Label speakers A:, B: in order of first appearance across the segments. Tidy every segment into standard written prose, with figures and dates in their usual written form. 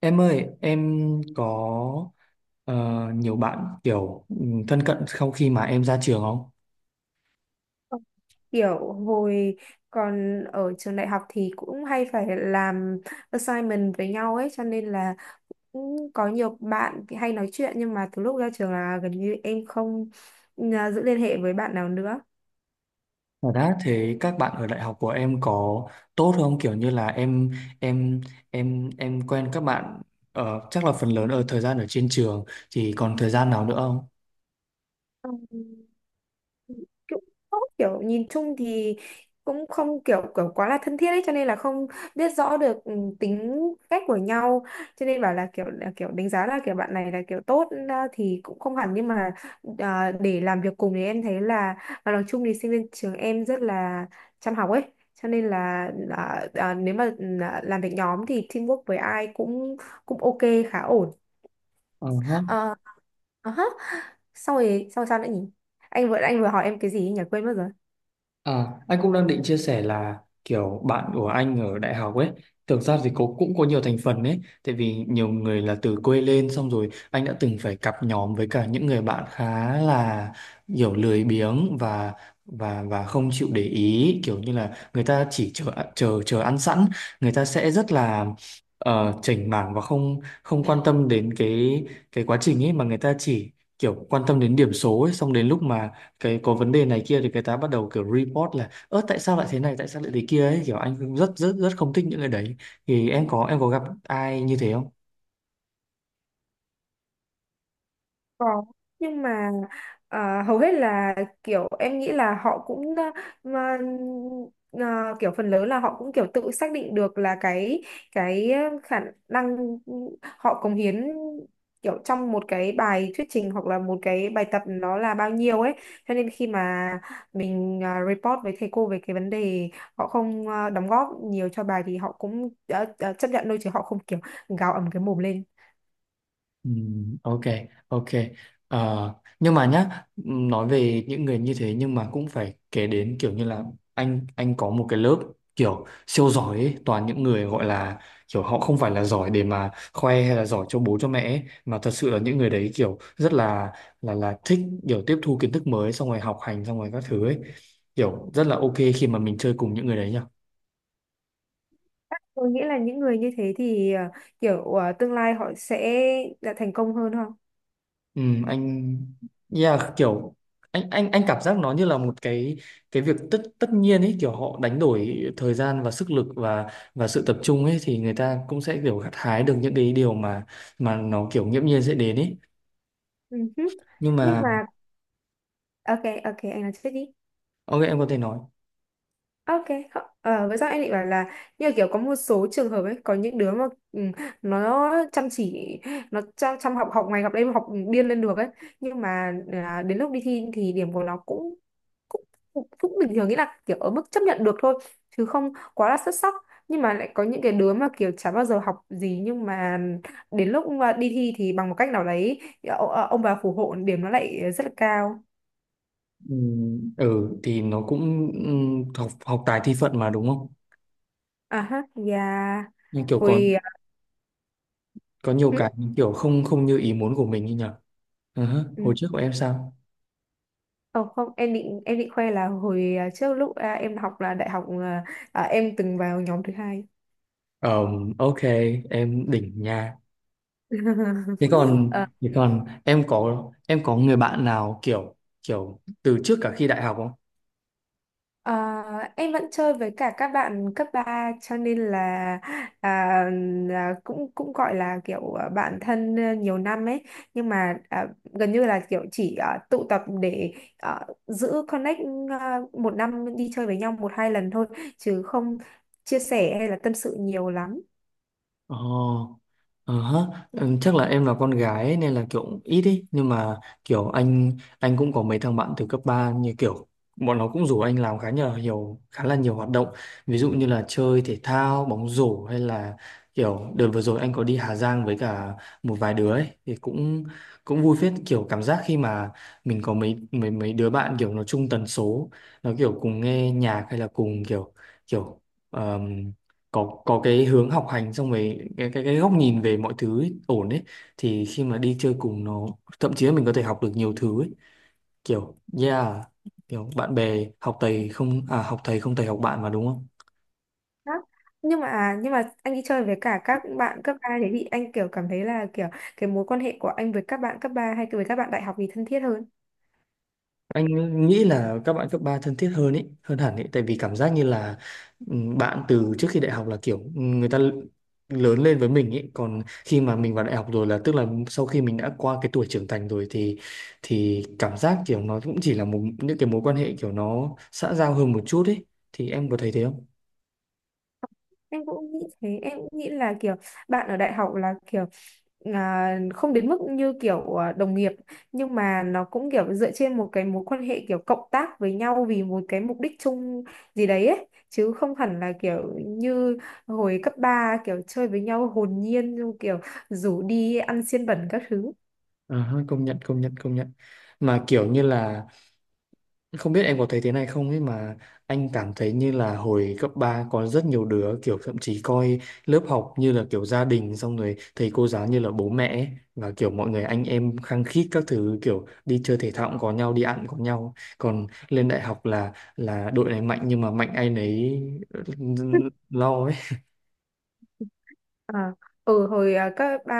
A: Em ơi, em có ờ, nhiều bạn kiểu thân cận sau khi mà em ra trường không?
B: Kiểu hồi còn ở trường đại học thì cũng hay phải làm assignment với nhau ấy, cho nên là cũng có nhiều bạn hay nói chuyện, nhưng mà từ lúc ra trường là gần như em không giữ liên hệ với bạn nào nữa.
A: Và đã thế các bạn ở đại học của em có tốt không? Kiểu như là em em quen các bạn chắc là phần lớn ở thời gian ở trên trường thì còn thời gian nào nữa không?
B: Ừ. Cũng tốt, kiểu nhìn chung thì cũng không kiểu kiểu quá là thân thiết ấy, cho nên là không biết rõ được tính cách của nhau. Cho nên bảo là kiểu đánh giá là kiểu bạn này là kiểu tốt, thì cũng không hẳn, nhưng mà để làm việc cùng thì em thấy là, và nói chung thì sinh viên trường em rất là chăm học ấy, cho nên là nếu mà làm việc nhóm thì teamwork với ai cũng cũng ok, khá ổn.
A: Ờ hả.
B: Ờ, ờ hớ. Sau sao nữa nhỉ? Anh vừa hỏi em cái gì ấy nhỉ, quên mất rồi.
A: À, anh cũng đang định chia sẻ là kiểu bạn của anh ở đại học ấy, thực ra thì cũng cũng có nhiều thành phần ấy, tại vì nhiều người là từ quê lên xong rồi anh đã từng phải cặp nhóm với cả những người bạn khá là kiểu lười biếng và không chịu để ý, kiểu như là người ta chỉ chờ chờ chờ ăn sẵn, người ta sẽ rất là chểnh mảng và không không quan tâm đến cái quá trình ấy mà người ta chỉ kiểu quan tâm đến điểm số ấy, xong đến lúc mà cái có vấn đề này kia thì cái tá bắt đầu kiểu report là ơ tại sao lại thế này tại sao lại thế kia ấy kiểu anh cũng rất rất rất không thích những cái đấy thì em có gặp ai như thế không?
B: Có, nhưng mà hầu hết là kiểu em nghĩ là họ cũng mà, kiểu phần lớn là họ cũng kiểu tự xác định được là cái khả năng họ cống hiến kiểu trong một cái bài thuyết trình, hoặc là một cái bài tập, nó là bao nhiêu ấy. Cho nên khi mà mình report với thầy cô về cái vấn đề họ không đóng góp nhiều cho bài, thì họ cũng đã chấp nhận thôi, chứ họ không kiểu gào ầm cái mồm lên.
A: Ừ, ok ok. Ờ, nhưng mà nhá nói về những người như thế nhưng mà cũng phải kể đến kiểu như là anh có một cái lớp kiểu siêu giỏi ấy, toàn những người gọi là kiểu họ không phải là giỏi để mà khoe hay là giỏi cho bố cho mẹ ấy, mà thật sự là những người đấy kiểu rất là là thích kiểu tiếp thu kiến thức mới xong rồi học hành xong rồi các thứ ấy kiểu rất là ok khi mà mình chơi cùng những người đấy nhỉ.
B: Tôi nghĩ là những người như thế thì kiểu tương lai họ sẽ đã thành công hơn không?
A: Ừ, anh yeah, kiểu anh cảm giác nó như là một cái việc tất tất nhiên ấy kiểu họ đánh đổi thời gian và sức lực và sự tập trung ấy thì người ta cũng sẽ kiểu gặt hái được những cái điều mà nó kiểu nghiễm nhiên sẽ đến ấy
B: Ừ hứ.
A: nhưng
B: Nhưng
A: mà
B: mà, ok, ok, anh nói trước đi.
A: ok em có thể nói.
B: Ok, với sao em định bảo là như kiểu có một số trường hợp ấy, có những đứa mà ừ, nó chăm chỉ, nó chăm học, học ngày học đêm học điên lên được ấy, nhưng mà đến lúc đi thi thì điểm của nó cũng cũng cũng cũng bình thường, nghĩa là kiểu ở mức chấp nhận được thôi, chứ không quá là xuất sắc. Nhưng mà lại có những cái đứa mà kiểu chả bao giờ học gì, nhưng mà đến lúc mà đi thi thì bằng một cách nào đấy, ông bà phù hộ, điểm nó lại rất là cao.
A: Ừ, ừ thì nó cũng học học tài thi phận mà đúng không
B: À ha, yeah.
A: nhưng kiểu có
B: Hồi
A: có nhiều
B: ừ,
A: cái kiểu không không như ý muốn của mình như nhở. Ừ hứ, hồi
B: ừ.
A: trước của em sao.
B: Ờ, không, em định em định khoe là hồi trước lúc em học là đại học, em từng vào nhóm thứ hai.
A: Ờ, ok em đỉnh nha. thế còn
B: Ờ,
A: thế còn em có người bạn nào kiểu kiểu từ trước cả khi đại học không?
B: ờ, em vẫn chơi với cả các bạn cấp ba, cho nên là, à, cũng cũng gọi là kiểu bạn thân nhiều năm ấy. Nhưng mà gần như là kiểu chỉ tụ tập để giữ connect, một năm đi chơi với nhau một hai lần thôi, chứ không chia sẻ hay là tâm sự nhiều lắm.
A: Ồ, ờ hả, ừ, chắc là em là con gái ấy, nên là kiểu ít ý nhưng mà kiểu anh cũng có mấy thằng bạn từ cấp 3 như kiểu bọn nó cũng rủ anh làm khá là nhiều hoạt động ví dụ như là chơi thể thao bóng rổ hay là kiểu đợt vừa rồi anh có đi Hà Giang với cả một vài đứa ấy thì cũng cũng vui phết kiểu cảm giác khi mà mình có mấy mấy mấy đứa bạn kiểu nó chung tần số nó kiểu cùng nghe nhạc hay là cùng kiểu kiểu có cái hướng học hành xong rồi cái góc nhìn về mọi thứ ấy, ổn đấy thì khi mà đi chơi cùng nó thậm chí là mình có thể học được nhiều thứ ấy kiểu yeah kiểu bạn bè học thầy không à học thầy không thầy học bạn mà đúng không.
B: Đó. Nhưng mà anh đi chơi với cả các bạn cấp 3 thế thì anh kiểu cảm thấy là kiểu cái mối quan hệ của anh với các bạn cấp 3 hay với các bạn đại học thì thân thiết hơn?
A: Anh nghĩ là các bạn cấp 3 thân thiết hơn ấy hơn hẳn ấy tại vì cảm giác như là bạn từ trước khi đại học là kiểu người ta lớn lên với mình ấy còn khi mà mình vào đại học rồi là tức là sau khi mình đã qua cái tuổi trưởng thành rồi thì cảm giác kiểu nó cũng chỉ là một những cái mối quan hệ kiểu nó xã giao hơn một chút ấy thì em có thấy thế không.
B: Em cũng nghĩ thế, em cũng nghĩ là kiểu bạn ở đại học là kiểu không đến mức như kiểu đồng nghiệp, nhưng mà nó cũng kiểu dựa trên một cái mối quan hệ kiểu cộng tác với nhau vì một cái mục đích chung gì đấy ấy, chứ không hẳn là kiểu như hồi cấp 3 kiểu chơi với nhau hồn nhiên, kiểu rủ đi ăn xiên bẩn các thứ.
A: Ờ ha, công nhận công nhận công nhận mà kiểu như là không biết em có thấy thế này không ấy mà anh cảm thấy như là hồi cấp 3 có rất nhiều đứa kiểu thậm chí coi lớp học như là kiểu gia đình xong rồi thầy cô giáo như là bố mẹ ấy. Và kiểu mọi người anh em khăng khít các thứ kiểu đi chơi thể thao cũng có nhau đi ăn cũng có nhau còn lên đại học là đội này mạnh nhưng mà mạnh ai nấy ừ, lo ấy.
B: À, ừ hồi cấp ba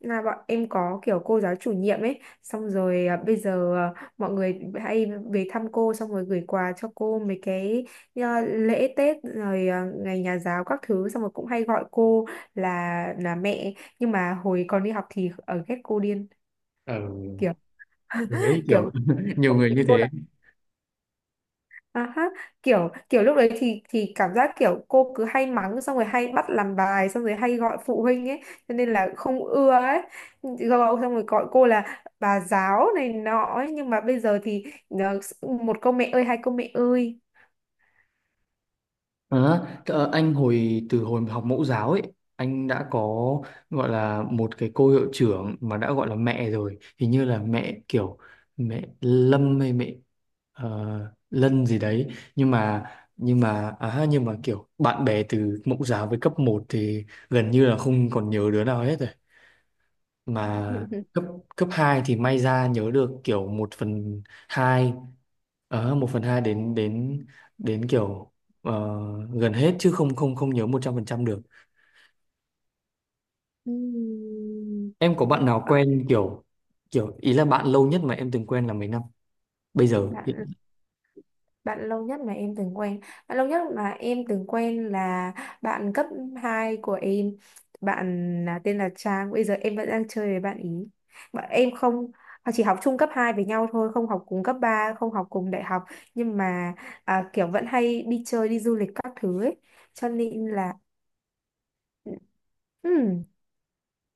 B: là bọn em có kiểu cô giáo chủ nhiệm ấy, xong rồi bây giờ mọi người hay về thăm cô, xong rồi gửi quà cho cô mấy cái lễ Tết rồi ngày nhà giáo các thứ, xong rồi cũng hay gọi cô là là mẹ. Nhưng mà hồi còn đi học thì ở ghét cô điên
A: Ừ.
B: kiểu.
A: Với kiểu
B: Kiểu.
A: nhiều người như thế.
B: À ha, kiểu kiểu lúc đấy thì cảm giác kiểu cô cứ hay mắng, xong rồi hay bắt làm bài, xong rồi hay gọi phụ huynh ấy, cho nên là không ưa ấy. Gọi xong rồi gọi cô là bà giáo này nọ ấy. Nhưng mà bây giờ thì một câu mẹ ơi, hai câu mẹ ơi.
A: À, anh hồi từ hồi học mẫu giáo ấy anh đã có gọi là một cái cô hiệu trưởng mà đã gọi là mẹ rồi hình như là mẹ kiểu mẹ Lâm hay mẹ ờ, Lân gì đấy nhưng mà nhưng mà kiểu bạn bè từ mẫu giáo với cấp một thì gần như là không còn nhớ đứa nào hết rồi mà cấp cấp 2 thì may ra nhớ được kiểu một phần 2 một phần 2 đến đến đến kiểu ờ, gần hết chứ không không không nhớ 100% được.
B: Ừm,
A: Em có bạn nào quen kiểu kiểu ý là bạn lâu nhất mà em từng quen là mấy năm bây giờ
B: bạn Bạn lâu nhất mà em từng quen Bạn lâu nhất mà em từng quen là bạn cấp 2 của em. Bạn là Tên là Trang. Bây giờ em vẫn đang chơi với bạn ý. Bạn em không chỉ học chung cấp 2 với nhau thôi, không học cùng cấp 3, không học cùng đại học. Nhưng mà kiểu vẫn hay đi chơi, đi du lịch các thứ ấy, cho nên là. Ừm,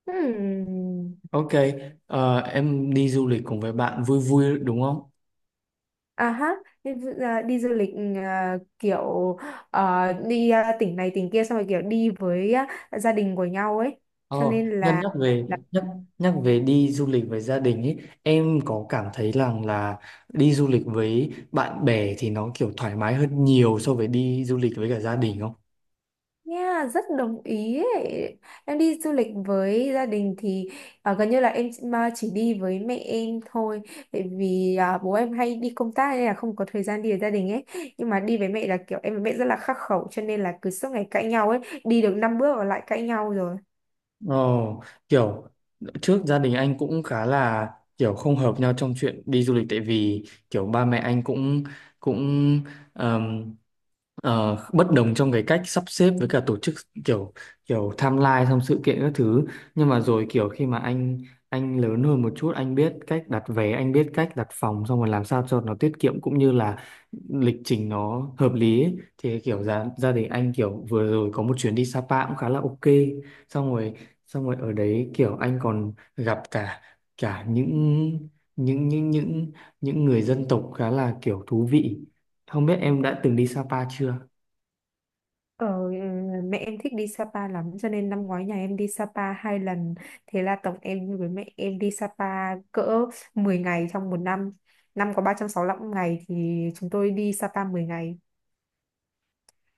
B: ừm.
A: ok, em đi du lịch cùng với bạn vui vui đúng không.
B: À ha, đi du lịch, kiểu đi tỉnh này tỉnh kia, xong rồi kiểu đi với gia đình của nhau ấy.
A: Ờ,
B: Cho nên
A: nhân
B: là
A: nhắc về
B: là
A: nhắc nhắc về đi du lịch với gia đình ấy, em có cảm thấy rằng là đi du lịch với bạn bè thì nó kiểu thoải mái hơn nhiều so với đi du lịch với cả gia đình không?
B: Yeah, rất đồng ý ấy. Em đi du lịch với gia đình thì gần như là em chỉ- mà chỉ đi với mẹ em thôi. Tại vì bố em hay đi công tác nên là không có thời gian đi với gia đình ấy. Nhưng mà đi với mẹ là kiểu em với mẹ rất là khắc khẩu, cho nên là cứ suốt ngày cãi nhau ấy. Đi được 5 bước là lại cãi nhau.
A: Ồ, kiểu trước gia đình anh cũng khá là kiểu không hợp nhau trong chuyện đi du lịch tại vì kiểu ba mẹ anh cũng cũng ờm, bất đồng trong cái cách sắp xếp với cả tổ chức kiểu kiểu timeline xong sự kiện các thứ nhưng mà rồi kiểu khi mà anh lớn hơn một chút anh biết cách đặt vé anh biết cách đặt phòng xong rồi làm sao cho nó tiết kiệm cũng như là lịch trình nó hợp lý ấy. Thì kiểu gia gia đình anh kiểu vừa rồi có một chuyến đi Sapa cũng khá là ok xong rồi xong rồi ở đấy kiểu anh còn gặp cả cả những những những những người dân tộc khá là kiểu thú vị không biết em đã từng đi Sapa chưa.
B: Ờ, mẹ em thích đi Sapa lắm, cho nên năm ngoái nhà em đi Sapa 2 lần. Thế là tổng em với mẹ em đi Sapa cỡ 10 ngày trong một năm. Năm có 365 ngày thì chúng tôi đi Sapa 10 ngày.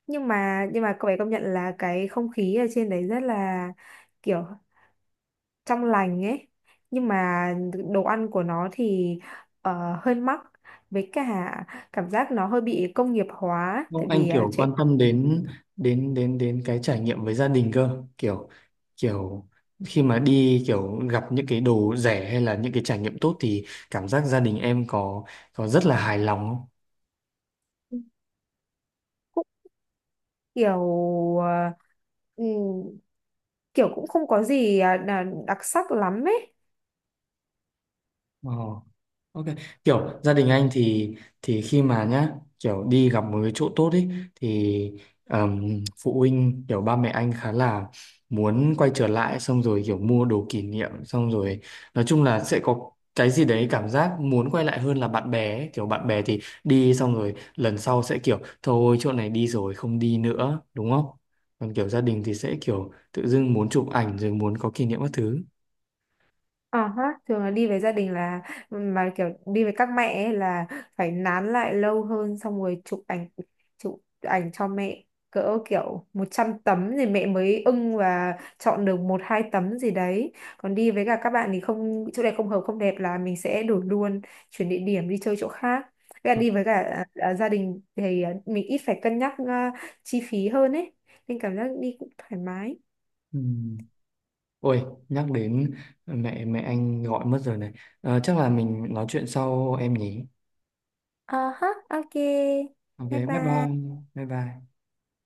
B: Nhưng mà cậu ấy công nhận là cái không khí ở trên đấy rất là kiểu trong lành ấy. Nhưng mà đồ ăn của nó thì hơi mắc, với cả cảm giác nó hơi bị công nghiệp hóa.
A: Không
B: Tại
A: anh
B: vì
A: kiểu
B: trẻ
A: quan
B: con
A: tâm đến đến đến đến cái trải nghiệm với gia đình cơ kiểu kiểu khi mà đi kiểu gặp những cái đồ rẻ hay là những cái trải nghiệm tốt thì cảm giác gia đình em có rất là hài lòng
B: kiểu. Ờ, ừ, kiểu cũng không có gì là đặc sắc lắm ấy.
A: không. Ờ. Ok, kiểu gia đình anh thì khi mà nhá kiểu đi gặp một cái chỗ tốt ấy thì phụ huynh kiểu ba mẹ anh khá là muốn quay trở lại xong rồi kiểu mua đồ kỷ niệm xong rồi nói chung là sẽ có cái gì đấy cảm giác muốn quay lại hơn là bạn bè ấy. Kiểu bạn bè thì đi xong rồi lần sau sẽ kiểu thôi chỗ này đi rồi không đi nữa đúng không? Còn kiểu gia đình thì sẽ kiểu tự dưng muốn chụp ảnh rồi muốn có kỷ niệm các thứ.
B: Ờ ha, thường là đi với gia đình, là mà kiểu đi với các mẹ ấy là phải nán lại lâu hơn, xong rồi chụp ảnh cho mẹ cỡ kiểu 100 tấm thì mẹ mới ưng và chọn được một hai tấm gì đấy. Còn đi với cả các bạn thì không, chỗ này không hợp, không đẹp là mình sẽ đổi luôn, chuyển địa điểm đi chơi chỗ khác. Với cả đi với cả gia đình thì mình ít phải cân nhắc chi phí hơn ấy. Nên cảm giác đi cũng thoải mái.
A: Ừ. Ôi, nhắc đến mẹ mẹ anh gọi mất rồi này. Ờ, chắc là mình nói chuyện sau em nhỉ.
B: Ờ ha, ok.
A: Ok,
B: Bye
A: bye
B: bye.
A: bye. Bye bye.